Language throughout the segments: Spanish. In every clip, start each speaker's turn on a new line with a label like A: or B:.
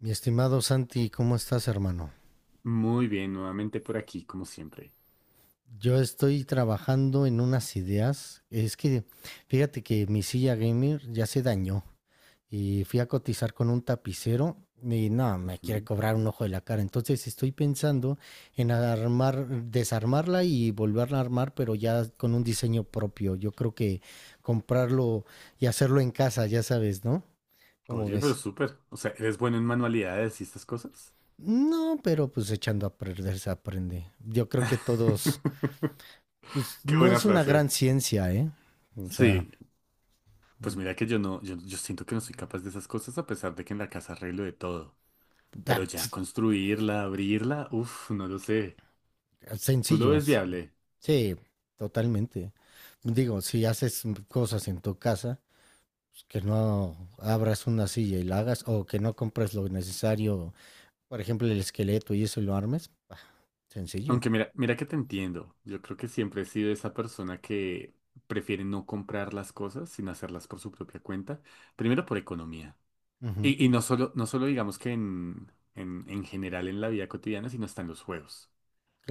A: Mi estimado Santi, ¿cómo estás, hermano?
B: Muy bien, nuevamente por aquí, como siempre.
A: Yo estoy trabajando en unas ideas. Es que fíjate que mi silla gamer ya se dañó y fui a cotizar con un tapicero y no, me quiere
B: Ujú.
A: cobrar un ojo de la cara. Entonces estoy pensando en armar, desarmarla y volverla a armar, pero ya con un diseño propio. Yo creo que comprarlo y hacerlo en casa, ya sabes, ¿no? ¿Cómo
B: Oye, pero
A: ves?
B: súper. O sea, ¿eres bueno en manualidades y estas cosas?
A: No, pero pues echando a perder se aprende. Yo creo que todos pues
B: Qué
A: no
B: buena
A: es una
B: frase.
A: gran ciencia, ¿eh? O sea,
B: Sí, pues mira que yo siento que no soy capaz de esas cosas a pesar de que en la casa arreglo de todo. Pero
A: da-
B: ya construirla, abrirla, uff, no lo sé. ¿Tú lo ves
A: sencillos.
B: viable?
A: Sí, totalmente. Digo, si haces cosas en tu casa, pues, que no abras una silla y la hagas, o que no compres lo necesario, por ejemplo, el esqueleto y eso y lo armes, bah, sencillo.
B: Aunque mira, mira que te entiendo. Yo creo que siempre he sido esa persona que prefiere no comprar las cosas, sino hacerlas por su propia cuenta. Primero por economía.
A: Ujú,
B: Y no solo digamos que en general en la vida cotidiana, sino hasta en los juegos.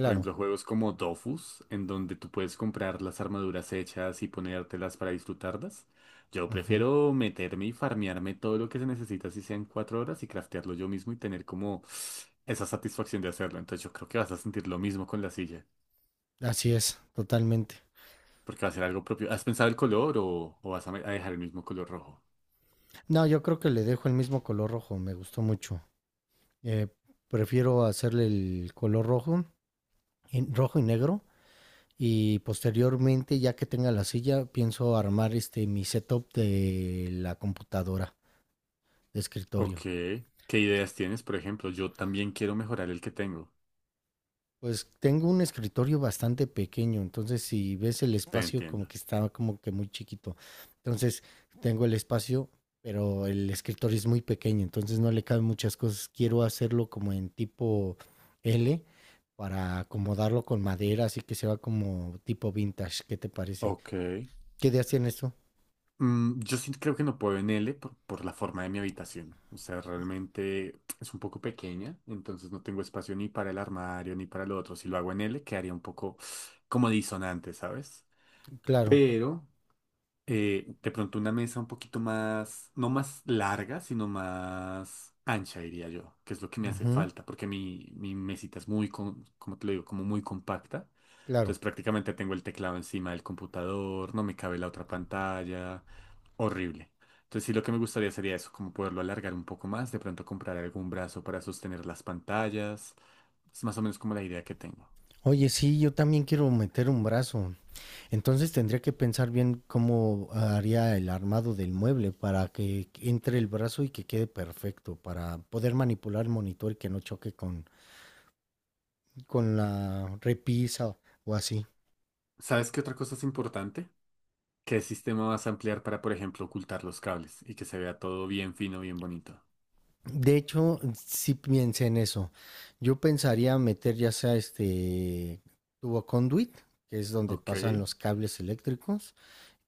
B: Por ejemplo, juegos como Dofus, en donde tú puedes comprar las armaduras hechas y ponértelas para disfrutarlas. Yo
A: Ujú.
B: prefiero meterme y farmearme todo lo que se necesita, si sean cuatro horas, y craftearlo yo mismo y tener como esa satisfacción de hacerlo. Entonces yo creo que vas a sentir lo mismo con la silla,
A: Así es, totalmente.
B: porque va a ser algo propio. ¿Has pensado el color o vas a, a dejar el mismo color rojo?
A: No, yo creo que le dejo el mismo color rojo, me gustó mucho. Eh, Prefiero hacerle el color rojo, en rojo y negro. Y posteriormente, ya que tenga la silla, pienso armar este mi setup de la computadora de
B: Ok.
A: escritorio.
B: ¿Qué ideas tienes? Por ejemplo, yo también quiero mejorar el que tengo.
A: Pues tengo un escritorio bastante pequeño, entonces si ves el
B: Te
A: espacio como
B: entiendo.
A: que está como que muy chiquito. Entonces tengo el espacio, pero el escritorio es muy pequeño, entonces no le caben muchas cosas. Quiero hacerlo como en tipo L para acomodarlo con madera, así que se va como tipo vintage. ¿Qué te parece?
B: Ok.
A: ¿Qué ideas tienes tú?
B: Yo sí creo que no puedo en L por la forma de mi habitación. O sea, realmente es un poco pequeña, entonces no tengo espacio ni para el armario ni para lo otro. Si lo hago en L, quedaría un poco como disonante, ¿sabes?
A: Claro.
B: Pero de pronto una mesa un poquito más, no más larga, sino más ancha, diría yo, que es lo que me hace
A: Ujú.
B: falta, porque mi mesita es muy, como te lo digo, como muy compacta.
A: Claro.
B: Entonces prácticamente tengo el teclado encima del computador, no me cabe la otra pantalla, horrible. Entonces sí, lo que me gustaría sería eso, como poderlo alargar un poco más, de pronto comprar algún brazo para sostener las pantallas. Es más o menos como la idea que tengo.
A: Oye, sí, yo también quiero meter un brazo. Entonces tendría que pensar bien cómo haría el armado del mueble para que entre el brazo y que quede perfecto, para poder manipular el monitor y que no choque con la repisa o así.
B: ¿Sabes qué otra cosa es importante? ¿Qué sistema vas a ampliar para, por ejemplo, ocultar los cables y que se vea todo bien fino, bien bonito?
A: De hecho, sí piense en eso. Yo pensaría meter ya sea este tubo conduit, que es donde
B: Ok.
A: pasan los cables eléctricos,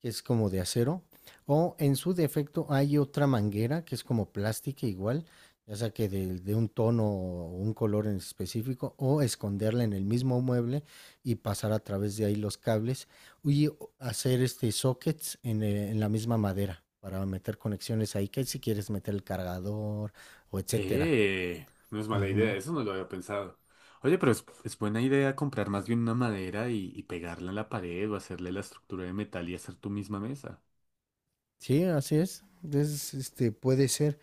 A: que es como de acero, o en su defecto hay otra manguera que es como plástica igual, ya sea que de un tono o un color en específico, o esconderla en el mismo mueble y pasar a través de ahí los cables y hacer este sockets en la misma madera para meter conexiones ahí, que si quieres meter el cargador o etcétera.
B: No es mala idea,
A: Ujú.
B: eso no lo había pensado. Oye, pero es buena idea comprar más bien una madera y pegarla en la pared o hacerle la estructura de metal y hacer tu misma mesa.
A: Sí, así es. Es, este, puede ser.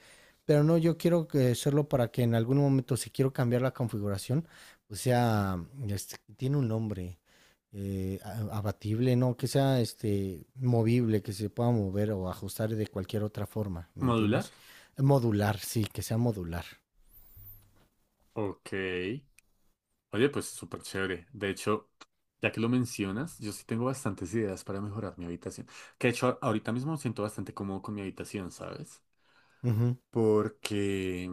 A: Pero no, yo quiero que hacerlo para que en algún momento, si quiero cambiar la configuración, o sea, este, tiene un nombre, abatible, ¿no? Que sea este, movible, que se pueda mover o ajustar de cualquier otra forma, ¿me
B: ¿Modular?
A: entiendes? Modular, sí, que sea modular.
B: Ok. Oye, pues súper chévere. De hecho, ya que lo mencionas, yo sí tengo bastantes ideas para mejorar mi habitación. Que de hecho, ahorita mismo me siento bastante cómodo con mi habitación, ¿sabes?
A: Ujú,
B: Porque,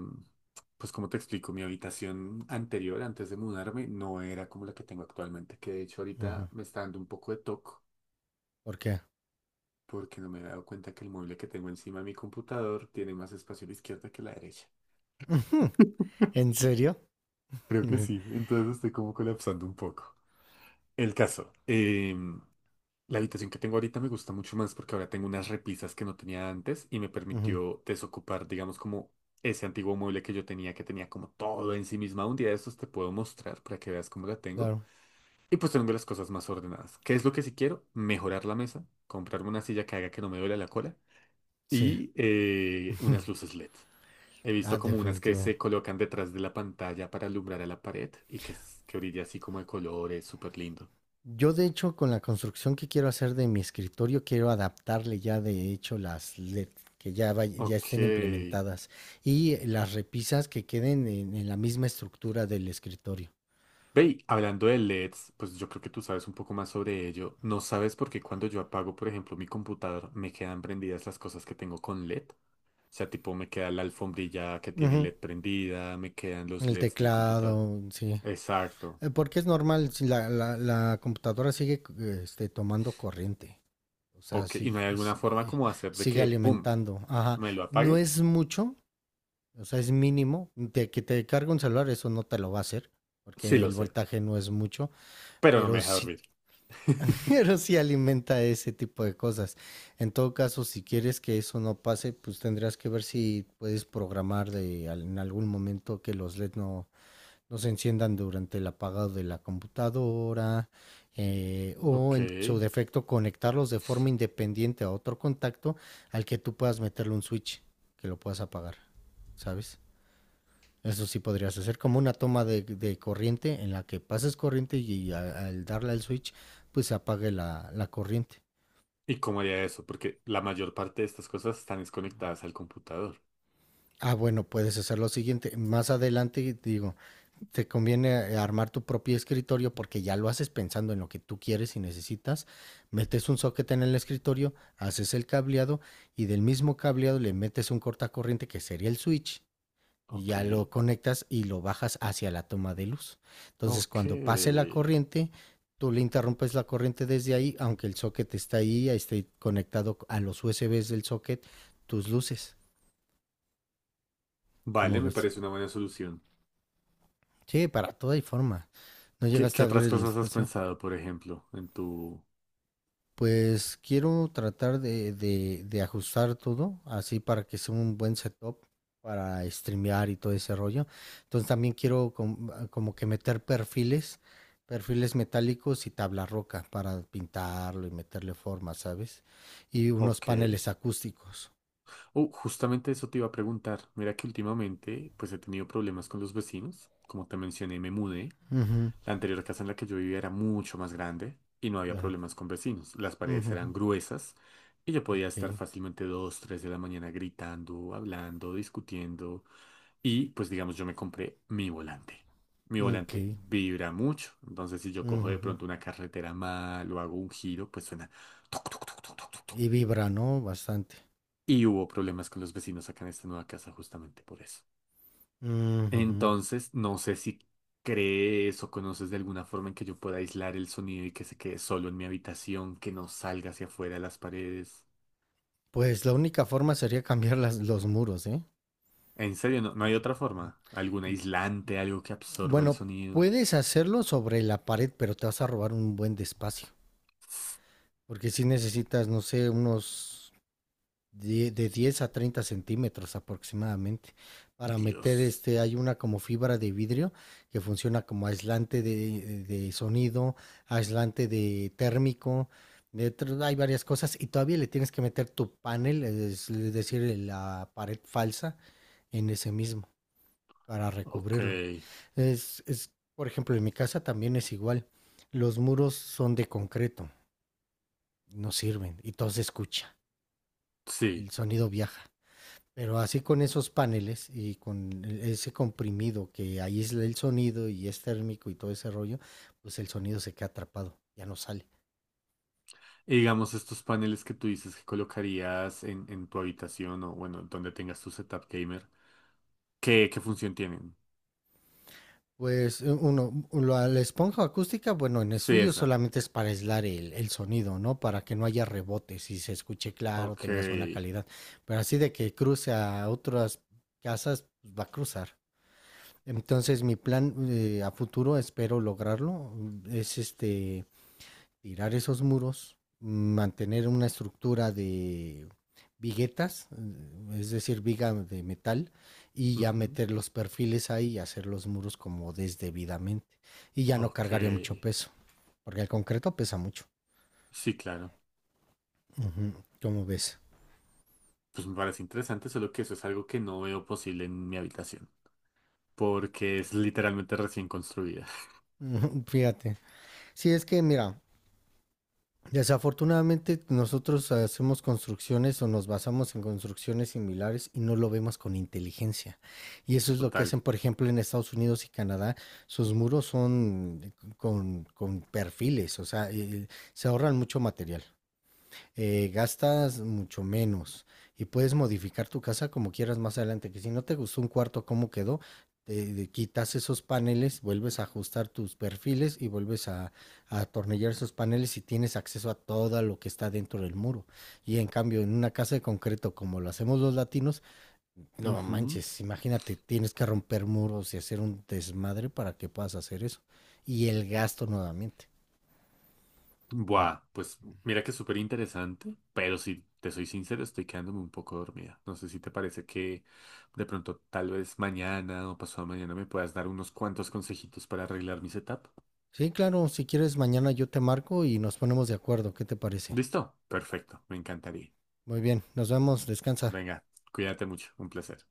B: pues como te explico, mi habitación anterior, antes de mudarme, no era como la que tengo actualmente, que de hecho
A: ujú.
B: ahorita me está dando un poco de toque,
A: ¿Por qué?
B: porque no me he dado cuenta que el mueble que tengo encima de mi computador tiene más espacio a la izquierda que a la derecha.
A: Ujú. ¿En serio?
B: Creo que
A: Ujú.
B: sí, entonces estoy como colapsando un poco. El caso, la habitación que tengo ahorita me gusta mucho más porque ahora tengo unas repisas que no tenía antes y me permitió desocupar, digamos, como ese antiguo mueble que yo tenía, que tenía como todo en sí misma. Un día de estos te puedo mostrar para que veas cómo la tengo.
A: Claro,
B: Y pues tengo las cosas más ordenadas. ¿Qué es lo que sí quiero? Mejorar la mesa, comprarme una silla que haga que no me duele la cola
A: sí.
B: y unas luces LED. He
A: Ah,
B: visto como unas que
A: definitivo.
B: se colocan detrás de la pantalla para alumbrar a la pared y que, que brilla así como de colores, súper lindo.
A: Yo, de hecho, con la construcción que quiero hacer de mi escritorio, quiero adaptarle ya, de hecho, las LED que ya, ya estén
B: Ok.
A: implementadas, y las repisas que queden en la misma estructura del escritorio.
B: Ve, y hablando de LEDs, pues yo creo que tú sabes un poco más sobre ello. ¿No sabes por qué cuando yo apago, por ejemplo, mi computador, me quedan prendidas las cosas que tengo con LED? O sea, tipo, me queda la alfombrilla que tiene
A: Ujú.
B: LED prendida, me quedan los
A: El
B: LEDs del computador.
A: teclado, sí.
B: Exacto.
A: Porque es normal, si la computadora sigue tomando corriente. O sea,
B: Ok, ¿y
A: sí,
B: no hay alguna forma
A: eh,
B: como hacer de
A: sigue
B: que, pum,
A: alimentando. Ajá.
B: me lo
A: No
B: apague?
A: es mucho. O sea, es mínimo, de que te cargue un celular, eso no te lo va a hacer,
B: Sí
A: porque
B: lo
A: el
B: sé,
A: voltaje no es mucho,
B: pero no me
A: pero
B: deja
A: sí,
B: dormir.
A: pero sí alimenta ese tipo de cosas. En todo caso, si quieres que eso no pase, pues tendrías que ver si puedes programar en algún momento que los LED no, no se enciendan durante el apagado de la computadora, o
B: Ok.
A: en su defecto conectarlos de forma independiente a otro contacto al que tú puedas meterle un switch que lo puedas apagar, ¿sabes? Eso sí podrías hacer como una toma de corriente en la que pases corriente y al darle al switch pues se apague la corriente.
B: ¿Y cómo haría eso? Porque la mayor parte de estas cosas están desconectadas al computador.
A: Ah, bueno, puedes hacer lo siguiente. Más adelante, digo, te conviene armar tu propio escritorio porque ya lo haces pensando en lo que tú quieres y necesitas. Metes un socket en el escritorio, haces el cableado y del mismo cableado le metes un cortacorriente que sería el switch y
B: Ok.
A: ya lo conectas y lo bajas hacia la toma de luz. Entonces,
B: Ok.
A: cuando pase la corriente, tú le interrumpes la corriente desde ahí, aunque el socket está ahí, esté conectado a los USBs del socket, tus luces, como
B: Vale, me
A: ves.
B: parece una buena solución.
A: Sí, para toda y forma. No
B: ¿Qué,
A: llegaste
B: qué
A: a ver
B: otras
A: el
B: cosas has
A: espacio.
B: pensado, por ejemplo, en tu...
A: Pues quiero tratar de ajustar todo así para que sea un buen setup para streamear y todo ese rollo. Entonces también quiero como que meter perfiles metálicos y tabla roca para pintarlo y meterle forma, ¿sabes? Y unos
B: Ok.
A: paneles acústicos.
B: Oh, justamente eso te iba a preguntar. Mira que últimamente, pues he tenido problemas con los vecinos. Como te mencioné, me mudé.
A: Ujú.
B: La anterior casa en la que yo vivía era mucho más grande y no había
A: Pero,
B: problemas con vecinos. Las paredes eran
A: ujú,
B: gruesas y yo podía estar
A: ok,
B: fácilmente dos, tres de la mañana gritando, hablando, discutiendo. Y pues digamos, yo me compré mi volante. Mi
A: ok,
B: volante vibra mucho, entonces si yo cojo de
A: ujú.
B: pronto una carretera mal o hago un giro, pues suena... tuc, tuc, tuc, tuc, tuc, tuc, tuc.
A: Y vibra, ¿no? Bastante.
B: Y hubo problemas con los vecinos acá en esta nueva casa justamente por eso.
A: Ujú.
B: Entonces, no sé si crees o conoces de alguna forma en que yo pueda aislar el sonido y que se quede solo en mi habitación, que no salga hacia afuera de las paredes.
A: Pues la única forma sería cambiar los muros, ¿eh?
B: En serio, no, no hay otra forma. ¿Algún aislante, algo que absorba el
A: Bueno,
B: sonido?
A: puedes hacerlo sobre la pared, pero te vas a robar un buen despacio. Porque si necesitas, no sé, unos de 10 a 30 centímetros aproximadamente. Para meter
B: Dios.
A: hay una como fibra de vidrio que funciona como aislante de sonido, aislante de térmico. Hay varias cosas y todavía le tienes que meter tu panel, es decir, la pared falsa en ese mismo para
B: Ok.
A: recubrirlo. Es, por ejemplo, en mi casa también es igual. Los muros son de concreto, no sirven y todo se escucha,
B: Sí.
A: el sonido viaja. Pero así con esos paneles y con ese comprimido que aísla el sonido y es térmico y todo ese rollo, pues el sonido se queda atrapado, ya no sale.
B: Y digamos, estos paneles que tú dices que colocarías en tu habitación o, bueno, donde tengas tu setup gamer, ¿qué, qué función tienen?
A: Pues uno, la esponja acústica, bueno, en
B: Sí,
A: estudio
B: esa.
A: solamente es para aislar el sonido, ¿no? Para que no haya rebotes y se escuche claro,
B: Ok.
A: tengas buena calidad. Pero así de que cruce a otras casas, pues, va a cruzar. Entonces mi plan, a futuro, espero lograrlo, es tirar esos muros, mantener una estructura de viguetas, es decir, viga de metal, y ya
B: Ujú.
A: meter los perfiles ahí y hacer los muros como desdebidamente. Y ya no
B: Ok.
A: cargaría mucho peso, porque el concreto pesa mucho.
B: Sí, claro.
A: Ujú. ¿Cómo ves?
B: Pues me parece interesante, solo que eso es algo que no veo posible en mi habitación, porque es literalmente recién construida.
A: Ujú. Fíjate. Sí, es que mira, desafortunadamente nosotros hacemos construcciones o nos basamos en construcciones similares y no lo vemos con inteligencia. Y eso es lo que
B: Total.
A: hacen, por ejemplo, en Estados Unidos y Canadá. Sus muros son con perfiles, o sea, se ahorran mucho material, gastas mucho menos y puedes modificar tu casa como quieras más adelante, que si no te gustó un cuarto cómo quedó, te quitas esos paneles, vuelves a ajustar tus perfiles y vuelves a atornillar esos paneles y tienes acceso a todo lo que está dentro del muro. Y en cambio, en una casa de concreto como lo hacemos los latinos, no
B: Ujú.
A: manches, imagínate, tienes que romper muros y hacer un desmadre para que puedas hacer eso. Y el gasto nuevamente.
B: Buah, pues mira que es súper interesante, pero si te soy sincero, estoy quedándome un poco dormida. No sé si te parece que de pronto tal vez mañana o pasado mañana me puedas dar unos cuantos consejitos para arreglar mi setup.
A: Sí, claro, si quieres mañana yo te marco y nos ponemos de acuerdo, ¿qué te parece?
B: ¿Listo? Perfecto, me encantaría.
A: Muy bien, nos vemos, descansa.
B: Venga, cuídate mucho, un placer.